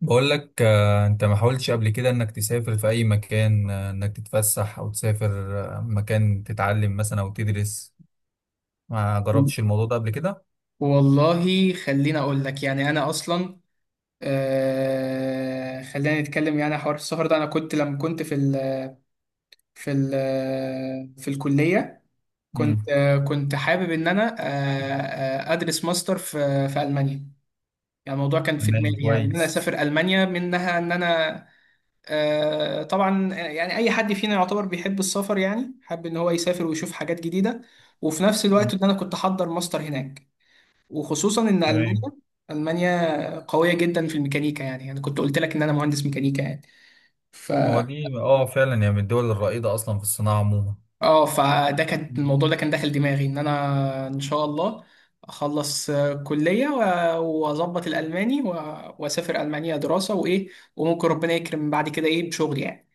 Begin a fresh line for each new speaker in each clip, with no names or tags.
بقول لك انت ما حاولتش قبل كده انك تسافر في اي مكان، انك تتفسح او تسافر مكان تتعلم مثلا او تدرس. ما جربتش الموضوع ده قبل كده؟
والله، خليني اقول لك. يعني انا اصلا، خلينا نتكلم. يعني حوار السفر ده، انا كنت لما كنت في ال في الكليه. كنت
امم.
آه كنت حابب ان انا ادرس ماستر في المانيا. يعني الموضوع كان في
تمام
دماغي، يعني ان انا
كويس.
اسافر المانيا منها، ان انا طبعا. يعني اي حد فينا يعتبر بيحب السفر، يعني حابب ان هو يسافر ويشوف حاجات جديده، وفي نفس الوقت
مم.
ان انا كنت احضر ماستر هناك. وخصوصا ان
تمام.
المانيا قويه جدا في الميكانيكا. يعني انا كنت قلت لك ان انا مهندس ميكانيكا يعني. ف
هو دي فعلا، يعني من الدول الرائدة اصلا في الصناعة عموما.
اه فده كان
مم.
الموضوع، ده كان داخل دماغي ان انا ان شاء الله اخلص كلية، واظبط الالماني واسافر المانيا دراسة وايه. وممكن ربنا يكرم بعد كده ايه بشغل يعني.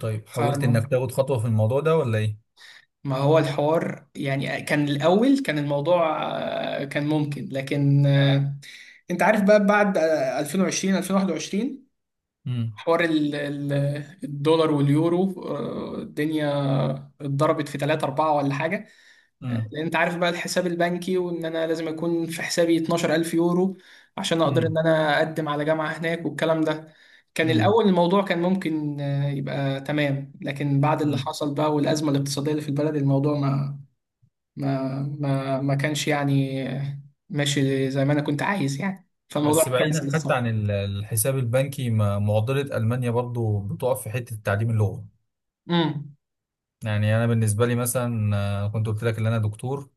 طيب حاولت
فما
انك تاخد خطوة في الموضوع ده ولا ايه؟
ما هو الحوار، يعني كان الاول، كان الموضوع كان ممكن. لكن انت عارف بقى بعد 2020 2021،
امم.
حوار الدولار واليورو، الدنيا اتضربت في 3 4 ولا حاجة. لان
امم.
انت عارف بقى الحساب البنكي، وان انا لازم يكون في حسابي 12,000 يورو عشان اقدر ان
امم.
انا اقدم على جامعة هناك والكلام ده. كان
امم.
الاول الموضوع كان ممكن يبقى تمام، لكن بعد اللي
امم.
حصل بقى والازمة الاقتصادية اللي في البلد، الموضوع ما كانش يعني ماشي زي ما انا كنت عايز يعني. فالموضوع
بس بعيدا
اتكنسل
حتى
الصراحة.
عن الحساب البنكي، معضلة ألمانيا برضو بتقف في حتة تعليم اللغة.
امم
يعني انا بالنسبه لي مثلا، كنت قلت لك ان انا دكتور.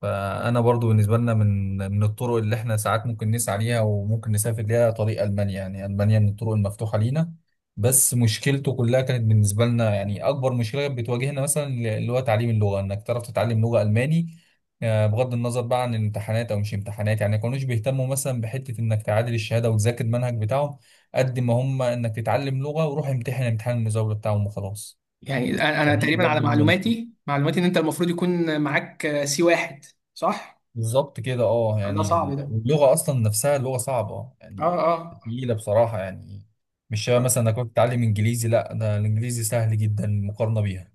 فانا برضو بالنسبه لنا من الطرق اللي احنا ساعات ممكن نسعى ليها وممكن نسافر ليها، طريق المانيا، يعني المانيا من الطرق المفتوحه لينا. بس مشكلته كلها كانت بالنسبه لنا، يعني اكبر مشكله كانت بتواجهنا مثلا اللي هو تعليم اللغه، انك تعرف تتعلم لغه الماني. بغض النظر بقى عن الامتحانات او مش امتحانات، يعني ما كانوش بيهتموا مثلا بحته انك تعادل الشهاده وتذاكر المنهج بتاعهم، قد ما هم انك تتعلم لغه وروح امتحن امتحان المزاوله بتاعهم وخلاص.
يعني أنا
فدي
تقريبا على
برضه من
معلوماتي، ان انت المفروض يكون معاك C1، صح؟
بالظبط كده. اه
ده
يعني
صعب ده.
اللغة أصلا نفسها لغة صعبة
اه،
يعني،
اه،
تقيلة بصراحة يعني. مش شبه مثلا إنك بتتعلم إنجليزي، لا ده الإنجليزي سهل جدا مقارنة بيها.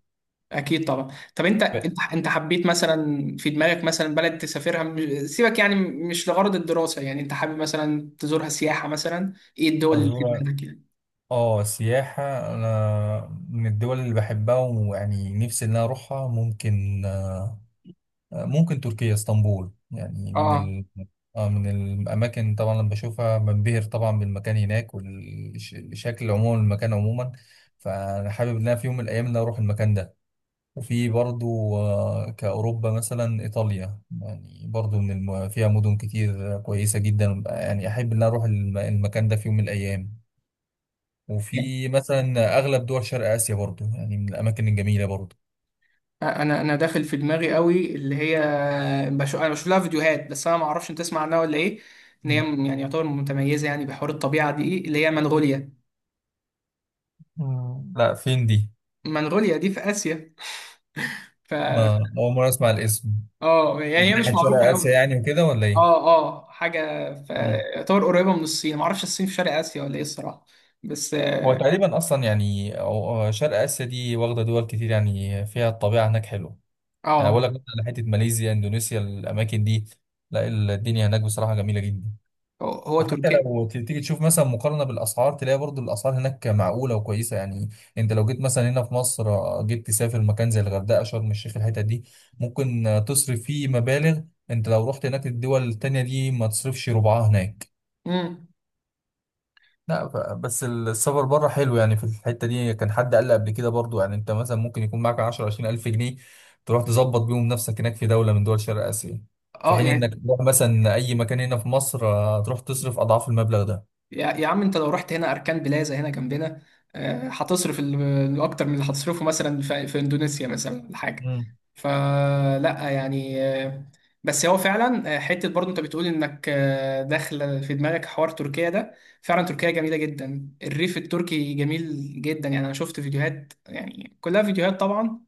اكيد طبعا. طب انت،
ف-
حبيت مثلا في دماغك مثلا بلد تسافرها سيبك، يعني مش لغرض الدراسه، يعني انت حابب مثلا تزورها سياحه مثلا، ايه الدول اللي في
أزور.
دماغك يعني؟
اه السياحة، أنا من الدول اللي بحبها ويعني نفسي إن أنا أروحها. ممكن تركيا اسطنبول، يعني من
اه،
ال... من الأماكن طبعا لما بشوفها بنبهر طبعا بالمكان هناك والشكل عموما المكان عموما. فأنا حابب إن أنا في يوم من الأيام إن أنا أروح المكان ده. وفي برضو كأوروبا مثلا إيطاليا، يعني برضو من الم... فيها مدن كتير كويسة جدا، يعني أحب إن أنا أروح الم... المكان ده في يوم من الأيام.
يعني
وفي مثلا أغلب دول شرق آسيا برضو، يعني من الأماكن الجميلة برضو.
انا داخل في دماغي قوي اللي هي، بشوف لها فيديوهات. بس انا ما اعرفش، انت تسمع عنها ولا ايه؟ ان هي
مم.
يعني يعتبر متميزه، يعني بحوار الطبيعه دي اللي هي منغوليا.
مم. لا فين دي؟
منغوليا دي في اسيا. ف
ما أول مرة أسمع الاسم.
اه يعني
من
هي مش
ناحية شرق
معروفه
آسيا
قوي.
يعني وكده ولا إيه؟
اه، اه، حاجة في
مم.
يعتبر قريبة من الصين. معرفش الصين في شرق آسيا ولا ايه الصراحة. بس
هو تقريبا أصلا يعني شرق آسيا دي واخدة دول كتير، يعني فيها الطبيعة هناك حلوة. يعني
اه
اقول لك مثلا على حته ماليزيا اندونيسيا، الاماكن دي. لا الدنيا هناك بصراحه جميله جدا.
هو
وحتى
تركيا.
لو تيجي تشوف مثلا مقارنه بالاسعار، تلاقي برضو الاسعار هناك معقوله وكويسه يعني. انت لو جيت مثلا هنا في مصر، جيت تسافر مكان زي الغردقه شرم الشيخ الحتت دي، ممكن تصرف فيه مبالغ. انت لو رحت هناك الدول التانية دي ما تصرفش ربعها هناك.
امم
لا بس السفر بره حلو يعني في الحتة دي. كان حد قال لي قبل كده برضو، يعني انت مثلا ممكن يكون معاك 10 20 ألف جنيه، تروح تظبط بيهم نفسك هناك في دولة من دول شرق آسيا، في
اه
حين انك
يعني،
تروح مثلا أي مكان هنا في مصر، تروح تصرف أضعاف المبلغ
يا عم، انت لو رحت هنا اركان بلازا هنا جنبنا، هتصرف اكتر من اللي هتصرفه مثلا في اندونيسيا مثلا ولا حاجه.
ده.
فلا يعني، بس هو فعلا حته برضه انت بتقول انك داخله في دماغك حوار تركيا ده. فعلا تركيا جميله جدا، الريف التركي جميل جدا. يعني انا شفت فيديوهات، يعني كلها فيديوهات طبعا.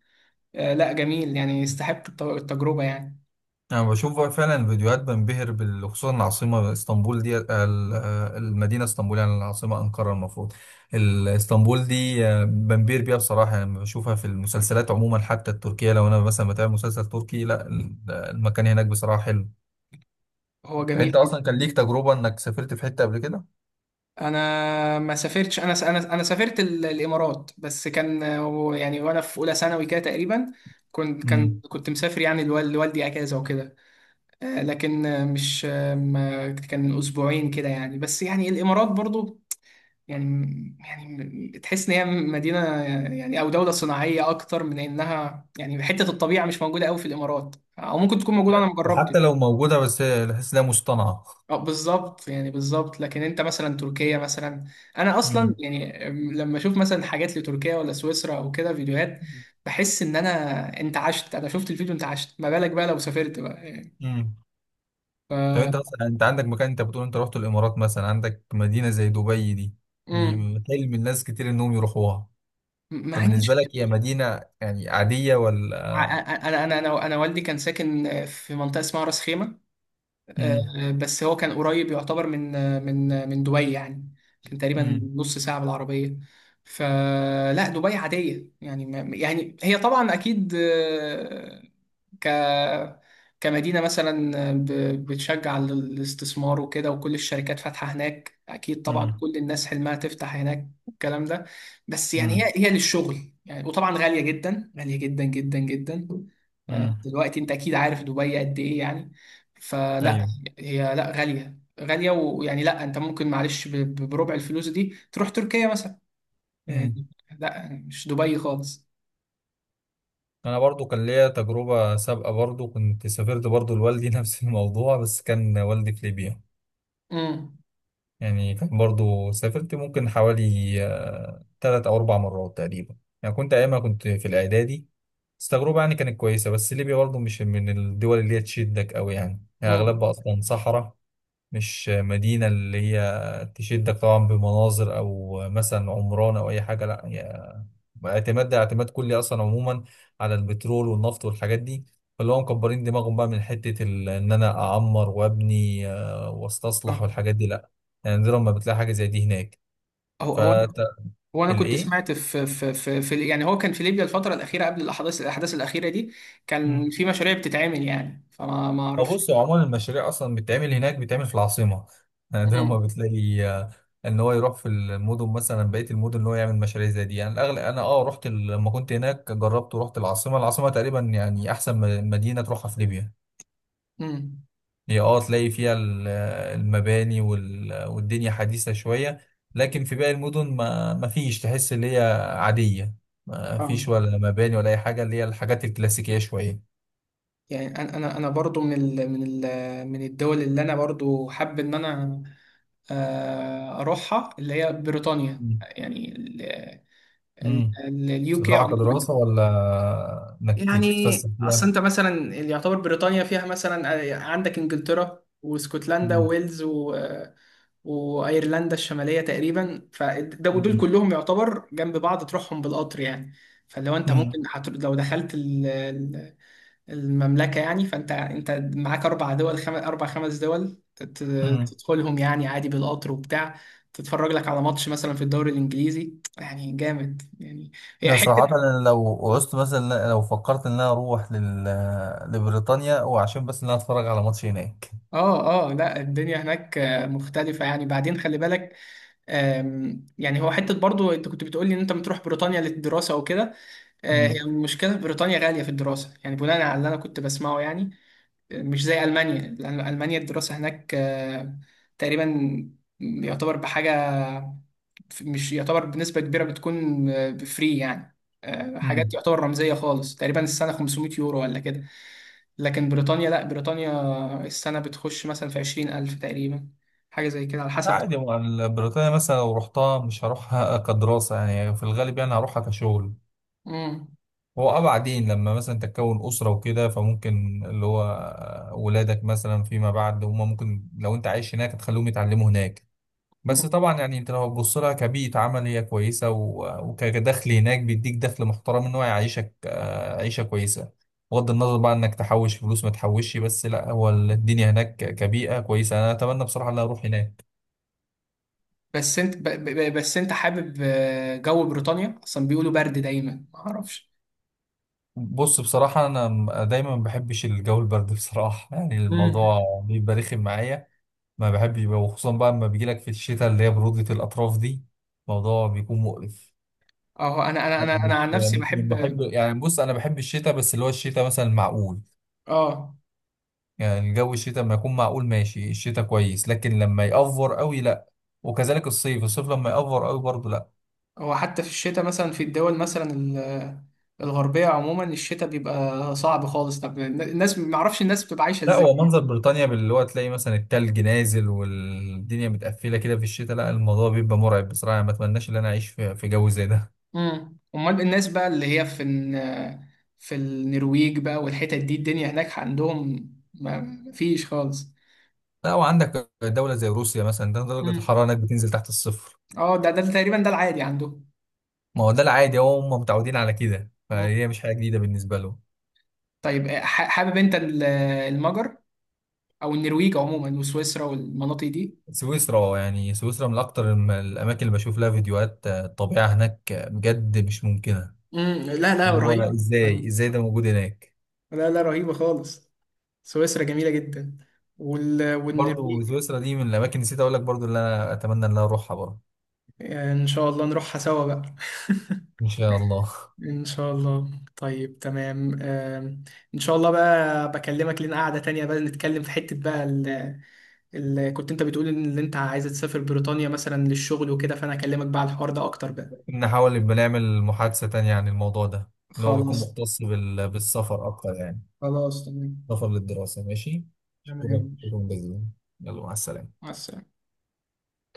لا جميل، يعني يستحق التجربه يعني.
أنا بشوف فعلا فيديوهات بنبهر بال- خصوصا العاصمة اسطنبول دي المدينة اسطنبول، يعني العاصمة أنقرة المفروض. اسطنبول دي، بنبهر بيها بصراحة، يعني لما بشوفها في المسلسلات عموما حتى التركية، لو أنا مثلا بتابع مسلسل تركي، لا المكان هناك بصراحة حلو.
هو جميل.
أنت أصلا كان ليك تجربة إنك سافرت في حتة قبل كده؟
انا ما سافرتش، انا سافرت الامارات، بس كان يعني وانا في اولى ثانوي كده تقريبا.
مم.
كنت مسافر يعني لوالدي اجازه وكده. لكن مش ما كان من اسبوعين كده يعني، بس يعني الامارات برضو يعني، يعني تحس ان هي مدينه يعني او دوله صناعيه اكتر من انها، يعني حته الطبيعه مش موجوده قوي في الامارات، او ممكن تكون موجوده انا ما
وحتى لو
جربتش.
موجودة بس بحس إنها مصطنعة.
اه بالظبط يعني، بالظبط. لكن انت مثلا تركيا مثلا، انا اصلا
مم.
يعني لما اشوف مثلا حاجات لتركيا ولا سويسرا او كده فيديوهات، بحس ان انا، انت عشت. انا شفت الفيديو انت عشت، ما بالك بقى لو سافرت بقى يعني.
مم. طب انت
ف
اصلا، انت عندك مكان، انت بتقول انت رحت الامارات مثلا، عندك مدينه زي دبي دي
مم.
يعني حلم الناس كتير انهم يروحوها،
ما
فبالنسبه
عنديش.
لك هي مدينه يعني عاديه ولا...
انا والدي كان ساكن في منطقه اسمها راس خيمه،
امم.
بس هو كان قريب يعتبر من دبي يعني. كان تقريبا
امم.
نص ساعة بالعربية. فلا دبي عادية يعني. ما يعني هي طبعا أكيد ك كمدينة مثلا بتشجع الاستثمار وكده، وكل الشركات فاتحة هناك، أكيد طبعا
امم.
كل الناس حلمها تفتح هناك والكلام ده. بس يعني
امم.
هي للشغل يعني. وطبعا غالية جدا، غالية جدا جدا جدا.
امم.
دلوقتي أنت أكيد عارف دبي قد إيه يعني. فلا،
ايوه.
هي لا غالية غالية. ويعني لا، انت ممكن معلش بربع الفلوس دي تروح تركيا مثلا يعني.
امم.
لا مش دبي خالص.
انا برضو كان ليا تجربه سابقه برضو، كنت سافرت برضو لوالدي نفس الموضوع، بس كان والدي في ليبيا.
امم
يعني كان برضو سافرت ممكن حوالي، تلات او اربع مرات تقريبا. يعني كنت ايامها كنت في الاعدادي. بس التجربة يعني كانت كويسة، بس ليبيا برضه مش من الدول اللي هي تشدك أوي، يعني هي
امم
أغلبها أصلا صحراء. مش مدينة اللي هي تشدك طبعا بمناظر أو مثلا عمران أو أي حاجة، لا هي اعتماد، ده اعتماد كلي أصلا عموما على البترول والنفط والحاجات دي. فاللي هم مكبرين دماغهم بقى من حتة إن أنا أعمر وأبني وأستصلح
اه
والحاجات دي، لا يعني دي لما بتلاقي حاجة زي دي هناك.
هو هو انا هو انا كنت
فالإيه؟
سمعت في في في, في يعني هو كان في ليبيا الفترة الأخيرة قبل الأحداث الأخيرة دي، كان في مشاريع بتتعمل يعني. ما
هو
اعرفش.
بص، هو عموما المشاريع اصلا بتتعمل هناك بتتعمل في العاصمه. نادرا ما
امم
بتلاقي، ان هو يروح في المدن مثلا بقيه المدن ان هو يعمل مشاريع زي دي. يعني الاغلب انا رحت ال- لما كنت هناك جربت ورحت العاصمه. العاصمه تقريبا يعني احسن مدينه تروحها في ليبيا.
امم
هي تلاقي فيها المباني والدنيا حديثه شويه. لكن في باقي المدن ما فيش، تحس اللي هي عاديه، ما
اه
فيش ولا مباني ولا اي حاجه، اللي هي الحاجات الكلاسيكيه شويه.
يعني انا انا أنا برضو من الدول اللي انا برضو حابب ان انا اروحها، اللي هي بريطانيا يعني،
مم.
اليو كي
تروحها
عموما.
كدراسة ولا إنك تتفسح
يعني اصل
فيها؟
انت مثلا اللي يعتبر بريطانيا فيها مثلا عندك انجلترا واسكتلندا
مم.
وويلز، وايرلندا الشماليه تقريبا. فده ودول
مم.
كلهم يعتبر جنب بعض تروحهم بالقطر يعني. فلو انت
مم.
ممكن هت... لو دخلت المملكه يعني، فانت معاك اربع دول اربع خمس دول
مم.
تدخلهم يعني عادي بالقطر وبتاع. تتفرج لك على ماتش مثلا في الدوري الانجليزي يعني، جامد يعني، هي
لا صراحة
حته.
أنا لو عوزت مثلا، لو فكرت إن أنا أروح لل... لبريطانيا، وعشان بس إن أنا أتفرج على ماتش هناك.
اه، اه، لا الدنيا هناك مختلفة يعني، بعدين خلي بالك. يعني هو حتة برضو انت كنت بتقولي ان انت بتروح بريطانيا للدراسة وكده.
مم.
هي المشكلة في بريطانيا غالية في الدراسة، يعني بناء على اللي أنا كنت بسمعه يعني. مش زي ألمانيا. لأن ألمانيا الدراسة هناك تقريبا يعتبر بحاجة، مش يعتبر بنسبة كبيرة، بتكون فري يعني. حاجات
مم.
يعتبر رمزية خالص، تقريبا السنة 500 يورو ولا كده. لكن بريطانيا، لا بريطانيا السنة بتخش مثلا في 20,000 تقريبا، حاجة زي كده على
لا
حسب
عادي،
طبعا.
ما بريطانيا مثلا لو رحتها مش هروحها كدراسة يعني، في الغالب يعني هروحها كشغل.
مم.
هو بعدين لما مثلا تكون أسرة وكده، فممكن اللي هو ولادك مثلا فيما بعد، هما ممكن لو أنت عايش هناك تخليهم يتعلموا هناك. بس
مم.
طبعا يعني انت لو هتبص لها كبيئة عمل هي كويسة، وكدخل هناك بيديك دخل محترم ان هو يعيشك عيشة كويسة. بغض النظر بقى انك تحوش فلوس ما تحوشش، بس لا هو الدنيا هناك كبيئة كويسة، انا اتمنى بصراحة ان أنا اروح هناك.
بس انت حابب جو بريطانيا اصلا بيقولوا برد دايما ما اعرفش.
بص بصراحة انا دايما ما بحبش الجو البرد بصراحة يعني
مم.
الموضوع بيبقى رخم معايا. ما بحبش، وخصوصا بقى لما بيجيلك في الشتاء اللي هي برودة الاطراف دي، الموضوع بيكون مقرف.
اه
أنا
انا
مش
عن نفسي
مش من
بحب.
محب يعني، بص انا بحب الشتاء بس اللي هو الشتاء مثلا معقول.
اه
يعني الجو، الشتاء لما يكون معقول ماشي الشتاء كويس، لكن لما يأفور قوي لا. وكذلك الصيف، الصيف لما يأفور قوي برضه لا.
هو حتى في الشتاء مثلا في الدول مثلا الغربية عموما، الشتاء بيبقى صعب خالص. طب الناس ما اعرفش، الناس بتبقى عايشة
لا هو
ازاي؟
منظر بريطانيا باللي هو تلاقي مثلا التلج نازل والدنيا متقفلة كده في الشتاء، لا الموضوع بيبقى مرعب بصراحة، ما اتمناش ان انا اعيش في جو زي ده.
امال الناس بقى اللي هي في في النرويج بقى والحتت دي، الدنيا هناك عندهم ما فيش خالص.
لا وعندك دولة زي روسيا مثلا، ده درجة
امم
الحرارة هناك بتنزل تحت الصفر.
اه ده تقريبا ده العادي عندهم.
ما هو ده العادي، هو هم متعودين على كده،
مم.
فهي مش حاجة جديدة بالنسبة لهم.
طيب حابب انت المجر او النرويج عموما وسويسرا والمناطق دي.
سويسرا يعني، سويسرا من أكتر الم- الأماكن اللي بشوف لها فيديوهات، الطبيعة هناك، بجد مش ممكنة.
لا، لا،
اللي هو
رهيب.
ازاي ازاي ده موجود هناك.
لا، لا، رهيبة خالص. سويسرا جميلة جدا،
برضو
والنرويج.
سويسرا دي من الاماكن، نسيت اقول لك برضو اللي انا اتمنى ان انا اروحها برضو.
إن شاء الله نروحها سوا بقى.
ان شاء الله.
إن شاء الله. طيب تمام. إن شاء الله بقى بكلمك لنا قعدة تانية بقى، نتكلم في حتة بقى كنت أنت بتقول إن اللي أنت عايز تسافر بريطانيا مثلا للشغل وكده، فأنا أكلمك بقى على الحوار ده أكتر بقى.
نحاول نبقى نعمل محادثة تانية عن الموضوع ده، اللي هو بيكون
خلاص.
مختص بال... بالسفر اكتر يعني،
خلاص، تمام.
سفر للدراسة ماشي. شكرا،
تمام.
شكرا جزيلا. يلا مع السلامة.
مع السلامة.